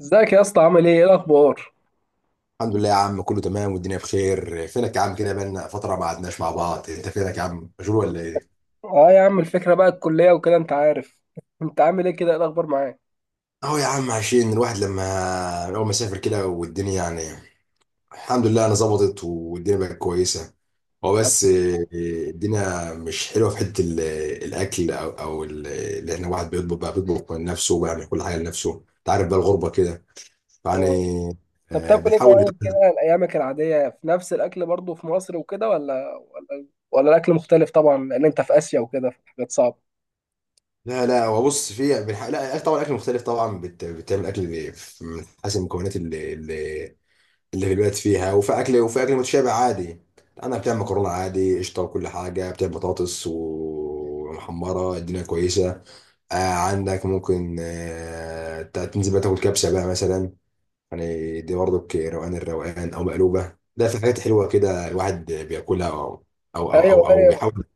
ازيك يا اسطى، عامل ايه الاخبار؟ الحمد لله يا عم، كله تمام والدنيا بخير. فينك يا عم كده؟ بقالنا فترة ما قعدناش مع بعض. انت فينك يا عم، مشغول ولا ايه؟ اه يا عم الفكره بقى الكليه وكده انت عارف. انت عامل ايه كده؟ ايه الاخبار معاك؟ اهو يا عم عشان الواحد لما اول ما سافر كده والدنيا يعني الحمد لله انا ظبطت والدنيا بقت كويسة. هو الحمد بس الدنيا مش حلوة في حتة الاكل اللي احنا واحد بيطبخ بقى، بيطبخ لنفسه وبيعمل كل حاجة لنفسه. انت عارف بقى الغربة كده لله، ايه يعني. والله. طب اه، بتاكل ايه بنحاول. طيب كده؟ ايامك العاديه في نفس الاكل برضو في مصر وكده، ولا الاكل مختلف طبعا لان انت في اسيا وكده في حاجات صعبه؟ لا هو بص في بنح- لا أكل- طبعا اكل مختلف طبعا بتعمل اكل من حسب المكونات اللي في البلد فيها، وفي اكل وفي اكل متشابه عادي. انا بتعمل مكرونه عادي، قشطه وكل حاجه، بتعمل بطاطس ومحمره، الدنيا كويسه. آه عندك ممكن آه تنزل بقى تاكل كبسه بقى مثلا، يعني دي برضك روقان الروقان، او مقلوبه. ده في حاجات حلوه كده الواحد بياكلها ايوه أو ايوه. بيحاول.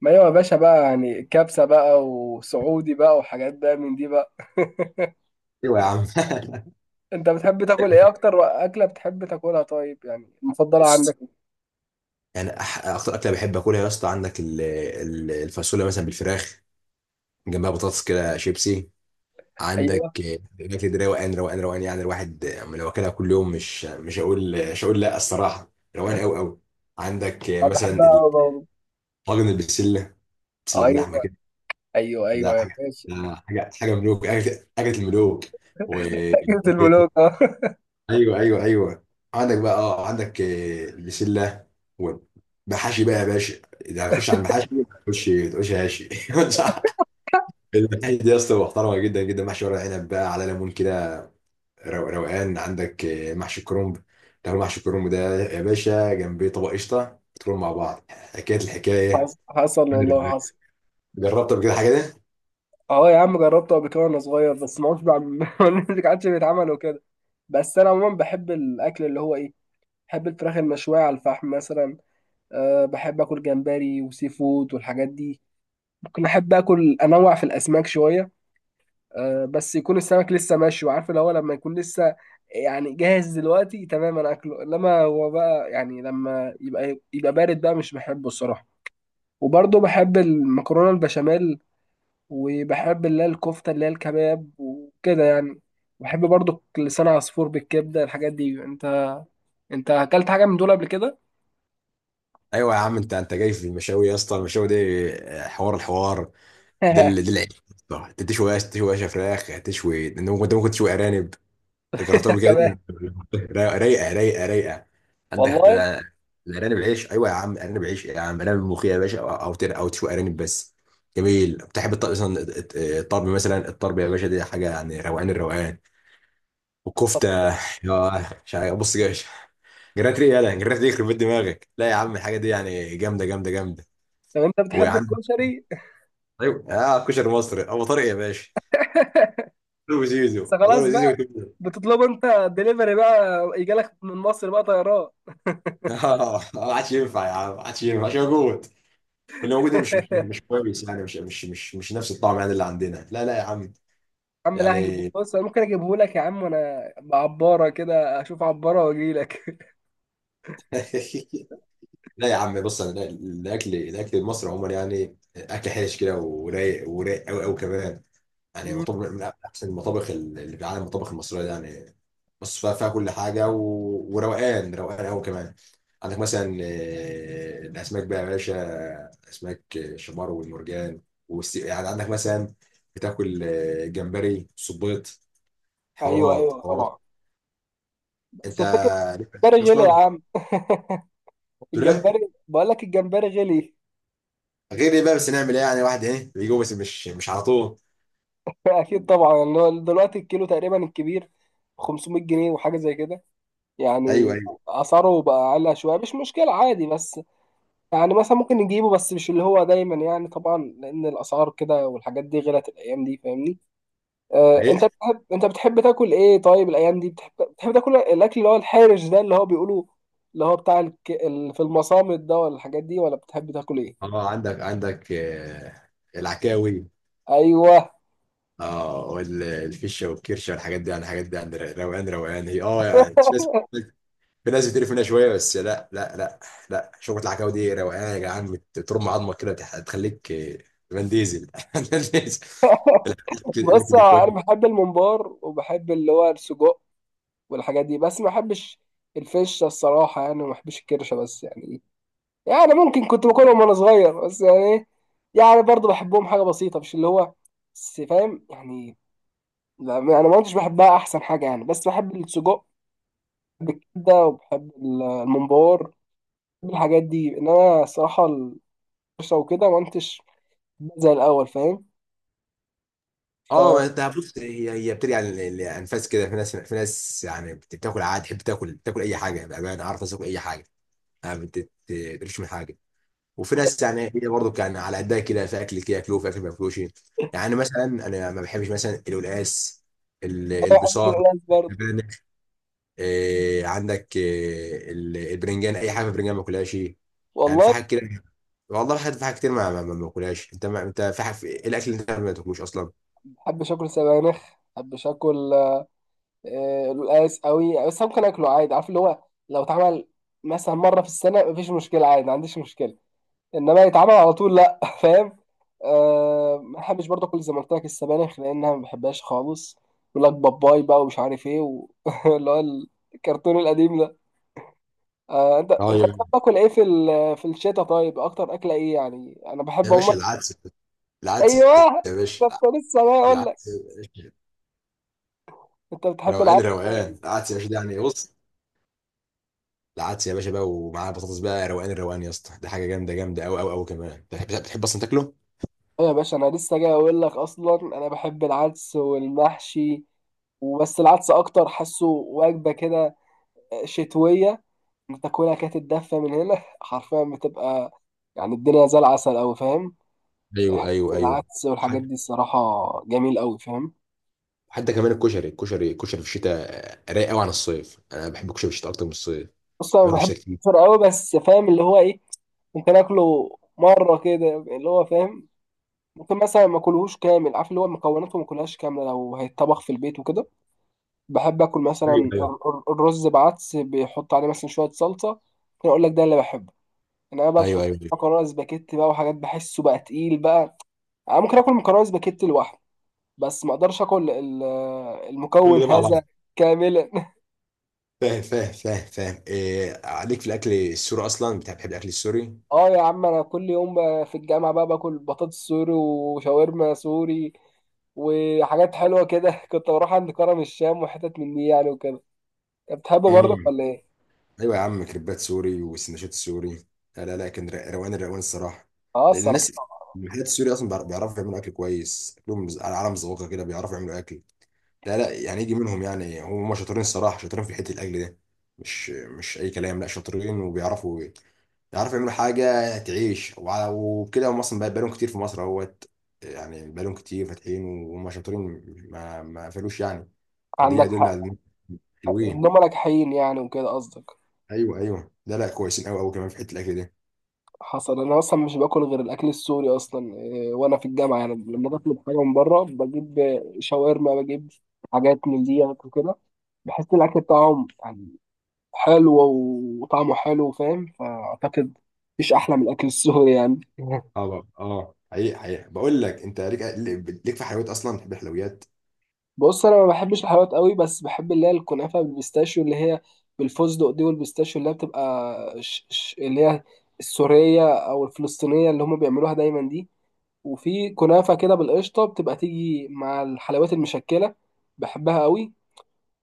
ما ايوه يا باشا، بقى يعني كبسه بقى وسعودي بقى وحاجات بقى من دي بقى. ايوه يا عم انت بتحب تاكل ايه؟ اكتر اكله بتحب تاكلها طيب، يعني المفضله عندك إيه؟ يعني اكتر اكله بحب اكلها يا اسطى، عندك الفاصوليا مثلا بالفراخ، جنبها بطاطس كده شيبسي. عندك ايوه، آه، الاكل ده روقان روقان روقان. يعني الواحد آه، لو اكلها كل يوم مش هقول، مش هقول لا، الصراحه روقان قوي قوي. عندك آه، اه بحبها مثلا أوي برضه. الطاجن البسله، بسله باللحمه ايوه كده. ايوه ده ايوه يا حاجه باشا، ده حاجه حاجه ملوك، اكله أكلة الملوك. و جبت البلوك اه. ايوه ايوه ايوه. عندك بقى اه، عندك آه، البسله والمحاشي بقى يا باشا. اذا هنخش على المحاشي ما تقولش ما تقولش هاشي صح. المحاشي دي يا اسطى محترمه جدا جدا، محشي ورق عنب بقى على ليمون كده، روقان. عندك آه، محشي كرنب، تاكل محشي كرنب ده يا باشا جنبيه طبق قشطه، تكونوا مع بعض، حكايه الحكايه. حصل حصل والله حصل. جربت قبل كده حاجه دي؟ اه يا عم، جربته قبل كده وانا صغير بس ما عادش بعمل، ما عادش بيتعمل وكده. بس انا عموما بحب الاكل اللي هو ايه، بحب الفراخ المشويه على الفحم مثلا. أه بحب اكل جمبري وسي فود والحاجات دي. ممكن احب اكل انوع في الاسماك شويه. أه بس يكون السمك لسه مشوي، عارف اللي هو لما يكون لسه يعني جاهز دلوقتي تمام انا اكله، انما هو بقى يعني لما يبقى يبقى بارد بقى مش بحبه الصراحه. وبرضه بحب المكرونه البشاميل. وبحب اللي هي الكفتة اللي هي الكباب وكده يعني. بحب برضو لسان عصفور بالكبدة الحاجات دي. انت اكلت حاجة من دول قبل كده؟ ايوه يا عم، انت جاي في المشاوي يا اسطى، المشاوي دي آه، حوار الحوار. ده ده العيش، صح. انت تشوي عيش، تشوي عيش فراخ، هتشوي، انت ممكن، أنت ممكن تشوي ارانب. جربتها قبل كده؟ كباب. رايقه رايقه رايقه. عندك والله. الارانب العيش، ايوه يا عم، ارانب عيش يا عم، ارانب ملوخيه يا باشا، أو تشوي ارانب بس. جميل. بتحب الطرب مثلا؟ الطرب مثلا، الطرب يا باشا دي حاجه يعني روقان الروقان. طب والكفته يا مش عارف، بص يا باشا، جرات ريق، يلا جرات ريق، يخرب بيت دماغك. لا يا عم الحاجه دي يعني جامده جامده جامده. طب انت ويا بتحب عم، الكشري؟ ايوه اه، كشري مصري ابو طارق يا باشا، ابو زيزو، بس ابو طارق، خلاص زيزو. بقى. بتطلبه انت دليفري بقى؟ يجيلك من مصر بقى طيران؟ اه ما عادش ينفع يا عم، ما عادش ينفع، ما عادش موجود. واللي موجود ده مش كويس يعني، مش نفس الطعم يعني اللي عندنا. لا لا يا عم. يا عم لا هجيبه، يعني بص انا ممكن اجيبه لك يا عم، وانا بعبارة كده اشوف عبارة واجي لك. لا يا عم، بص، انا الاكل، الاكل المصري عموما يعني اكل حرش كده ورايق، ورايق قوي قوي كمان. يعني مطابخ من احسن المطابخ اللي في العالم، المطابخ المصريه دي يعني. بص فيها كل حاجه و... وروقان، روقان قوي كمان. عندك مثلا آه، الاسماك بقى يا باشا، اسماك شمار والمرجان يعني عندك مثلا بتاكل آه، جمبري، صبيط، ايوه حوارات ايوه حوارات. طبعا. بس انت الفكرة ليك في الأسماك الجمبري غلي يا اصلا. عم، قلت له الجمبري بقول لك الجمبري غلي. غير ايه بقى؟ بس نعمل ايه يعني؟ واحد ايه بيجوا بس مش على طول. اكيد طبعا، اللي هو دلوقتي الكيلو تقريبا الكبير 500 جنيه وحاجه زي كده ايوه يعني. ايوه اسعاره بقى اعلى شويه، مش مشكله عادي بس، يعني مثلا ممكن نجيبه بس مش اللي هو دايما يعني طبعا لان الاسعار كده والحاجات دي غلت الايام دي، فاهمني؟ آه، انت حقيقة. بتحب انت بتحب تاكل ايه طيب الايام دي؟ بتحب تاكل الاكل اللي هو الحارج ده اللي هو بيقولوا اللي هو بتاع في المصامت ده، ولا الحاجات دي؟ ولا بتحب تاكل ايه؟ اه عندك، عندك آه، العكاوي، ايوه. اه، والفشه والكرشه والحاجات دي. يعني الحاجات دي عند، روقان روقان هي. اه يعني في ناس، في ناس بتقرف منها شويه، بس لا، لا، شوربه العكاوي دي روقان يا جدعان. بترم عظمك كده، بتخليك آه، فان ديزل فان ديزل. الاكل، الأكل بص ده كويس. انا بحب الممبار وبحب اللي هو السجق والحاجات دي، بس ما بحبش الفشه الصراحه. يعني ما بحبش الكرشه بس، يعني ممكن كنت باكلهم وانا صغير بس يعني ايه، يعني برضه بحبهم حاجه بسيطه مش اللي هو بس، فاهم يعني؟ لا انا ما كنتش بحبها، احسن حاجه يعني بس بحب السجق بالكبده، وبحب الممبار. بحب الحاجات دي، انما الصراحه الكرشه وكده ما كنتش زي الاول، فاهم؟ اه ما انت بص، هي بترجع للانفاس كده. في ناس، في ناس يعني بتاكل عادي، تحب تاكل، تاكل اي حاجه بامانه، عارف، تاكل اي حاجه، يعني ما بتقرفش من حاجه. وفي ناس يعني هي برضو كان على قدها كده، في اكل كده ياكلوه في اكل ما ياكلوش. يعني مثلا انا ما بحبش مثلا القلقاس، انا ما بحبش البصار، القلقاس برضه. البانغ. إيه عندك إيه البرنجان، اي حاجه في البرنجان ما باكلهاش. يعني في والله حاجات كده. والله في حاجات، في حاجات كتير ما باكلهاش. انت ما انت في حاجه، في إيه الاكل اللي انت ما تاكلوش اصلا؟ ما بحبش اكل سبانخ. ما بحبش اكل آه، القلقاس قوي، بس أنا ممكن اكله عادي، عارف اللي هو لو اتعمل مثلا مره في السنه مفيش مشكله عادي، ما عنديش مشكله، انما يتعمل على طول لا، فاهم؟ أه ما بحبش برضه كل زي ما قلت لك السبانخ، لانها ما بحبهاش خالص. يقول لك باباي بقى ومش عارف ايه اللي هو الكرتون القديم ده. أه انت اه انت يا، بتحب تاكل ايه في في الشتاء طيب؟ اكتر اكله ايه يعني؟ انا بحب يا باشا عموما. العدس، العدس ايوه، يا باشا، ده كنت لسه بقى اقول لك. العدس يا باشا، انت بتحب روقان العدس؟ روقان العدس يا باشا ده يعني. بص، العدس يا باشا بقى ومعاه بطاطس بقى، روقان الروقان يا اسطى، ده حاجه جامده جامده قوي قوي قوي كمان. بتحب، بتحب اصلا تاكله؟ ايه يا باشا، انا لسه جاي اقول لك، اصلا انا بحب العدس والمحشي وبس. العدس اكتر، حاسه وجبه كده شتويه، انت تاكلها كده تتدفى من هنا، حرفيا بتبقى يعني الدنيا زي العسل اوي، فاهم؟ ايوه حته ايوه ايوه. العدس والحاجات حتى، دي الصراحه جميل اوي، فاهم؟ حتى كمان الكشري، الكشري في الشتاء رايق قوي عن الصيف. انا بحب الكشري في الشتاء اكتر من الصيف، بص انا باكل بحب الشتاء كتير. الفطير اوي، بس فاهم اللي هو ايه، ممكن اكله مره كده اللي هو، فاهم؟ ممكن مثلا ما اكلهوش كامل، عارف اللي هو مكوناته ما اكلهاش كامله لو هيتطبخ في البيت وكده. بحب اكل مثلا ايوه ايوه الرز بعدس بيحط عليه مثلا شويه صلصه. كان اقول لك ده اللي بحبه انا بقى. ايوه تحط ايوه أيوة. مكرونه سباكيتي بقى وحاجات بحسه بقى تقيل بقى. انا ممكن اكل مكرونه سباكيتي لوحده، بس ما اقدرش اكل كل المكون ده مع بعض. هذا كاملا. فاهم فاهم فاهم فاهم. إيه عليك في الاكل السوري اصلا، بتحب، بتحب الاكل السوري؟ اه يا عم، انا كل يوم بقى في الجامعه بقى باكل بطاطس سوري وشاورما سوري وحاجات حلوه كده. كنت بروح عند كرم الشام وحتت من دي يعني وكده. انت بتحبه برضك مم. ولا ايه؟ ايوه يا عم، كريبات سوري وسندوتشات سوري. لا كان روقان الروقان الصراحه، اه لان الصراحه. الناس، المحلات السوري اصلا بيعرفوا يعملوا اكل كويس. اكلهم على، على مذوقه كده، بيعرفوا يعملوا اكل. لا لا يعني يجي منهم. يعني هم شاطرين الصراحه، شاطرين في حته الاكل ده. مش اي كلام، لا شاطرين وبيعرفوا، يعرفوا يعملوا حاجه تعيش. وبكده هم اصلا بقالهم كتير في مصر اهوت، يعني بقالهم كتير فاتحين وهم شاطرين، ما قفلوش يعني. فدي عندك يدل على حق. إن، حلوين. انهم ناجحين يعني وكده قصدك. ايوه ايوه، لا لا، كويسين قوي قوي كمان في حته الاكل دي. حصل. انا اصلا مش باكل غير الاكل السوري اصلا إيه، وانا في الجامعه يعني لما بطلب حاجه من بره بجيب شاورما، بجيب حاجات من ديت وكده. بحس ان الاكل بتاعهم يعني حلو، وطعمه حلو، فاهم؟ فاعتقد مفيش احلى من الاكل السوري يعني. اه بقى. اه حقيقي حقيقي، بقول لك انت ليك، ليك في حلويات اصلا؟ بتحب الحلويات؟ بص انا ما بحبش الحلويات قوي، بس بحب اللي هي الكنافه بالبيستاشيو اللي هي بالفستق دي، والبيستاشيو اللي هي بتبقى ش ش اللي هي السوريه او الفلسطينيه اللي هم بيعملوها دايما دي. وفي كنافة كده بالقشطة بتبقى تيجي مع الحلويات المشكلة، بحبها قوي.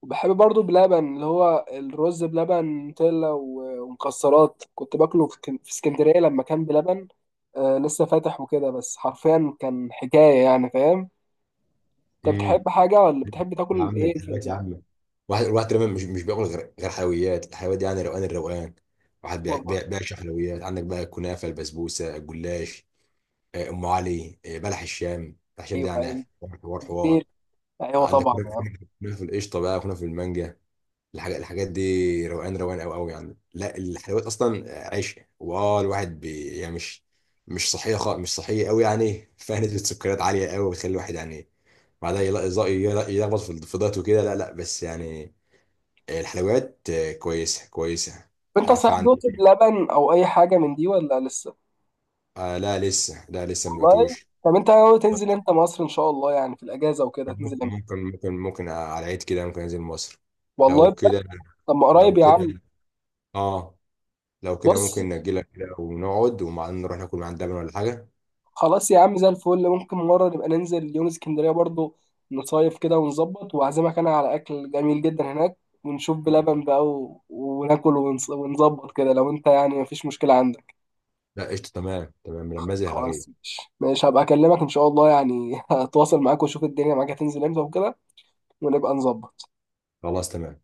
وبحب برضو بلبن، اللي هو الرز بلبن نوتيلا ومكسرات، كنت باكله في في اسكندرية لما كان بلبن آه، لسه فاتح وكده، بس حرفيا كان حكاية يعني، فاهم؟ انت امم. بتحب حاجة ولا بتحب يا تاكل عم ايه في الحلويات يا عم، واحد، الواحد تقريبا مش بياكل غير، غير حلويات، الحلويات دي يعني روقان الروقان. واحد والله بيعشق حلويات. عندك بقى الكنافه، البسبوسه، الجلاش، آه، ام علي، آه، بلح الشام. بلح الشام ايوه ده يعني ايوه حوار حوار حوار. ايوه. أيوة عندك طبعا كنافه، يعني. كنافة القشطه بقى، كنافه المانجا، الحاجات، الحاجات دي روقان روقان قوي قوي يعني. لا الحلويات اصلا عيش. واه الواحد بي يعني، مش مش صحيه خالص، مش صحيه قوي يعني فيها نسبه سكريات عاليه قوي، وتخلي الواحد يعني بعدها يلخبط في، في دايت وكده. لا لا بس يعني الحلويات آه، كويسه كويسه. انت آه، صحيح دوت فعندي بلبن او اي حاجة من دي ولا لسه؟ آه، لا لسه، لا لسه ما والله. دقتوش. طب انت ناوي تنزل انت مصر ان شاء الله يعني في الاجازة وكده تنزل؟ ممكن ممكن ممكن، ممكن على العيد كده ممكن انزل مصر. والله لو بجد. كده، طب ما لو قريب يا عم. كده، اه لو كده بص ممكن نأجلها كده ونقعد ومع نروح ناكل من عند لبن ولا حاجة. خلاص يا عم زي الفل، ممكن مرة نبقى ننزل يوم اسكندرية برضو، نصيف كده ونظبط، وأعزمك أنا على أكل جميل جدا هناك. ونشوف بلبن بقى وناكل ونظبط كده لو أنت يعني مفيش مشكلة عندك. لا قشطة تمام تمام لما زي هلغيه. خلاص، مش هبقى أكلمك إن شاء الله يعني، هتواصل معاك وأشوف الدنيا معاك هتنزل إمتى وكده، ونبقى نظبط خلاص تمام.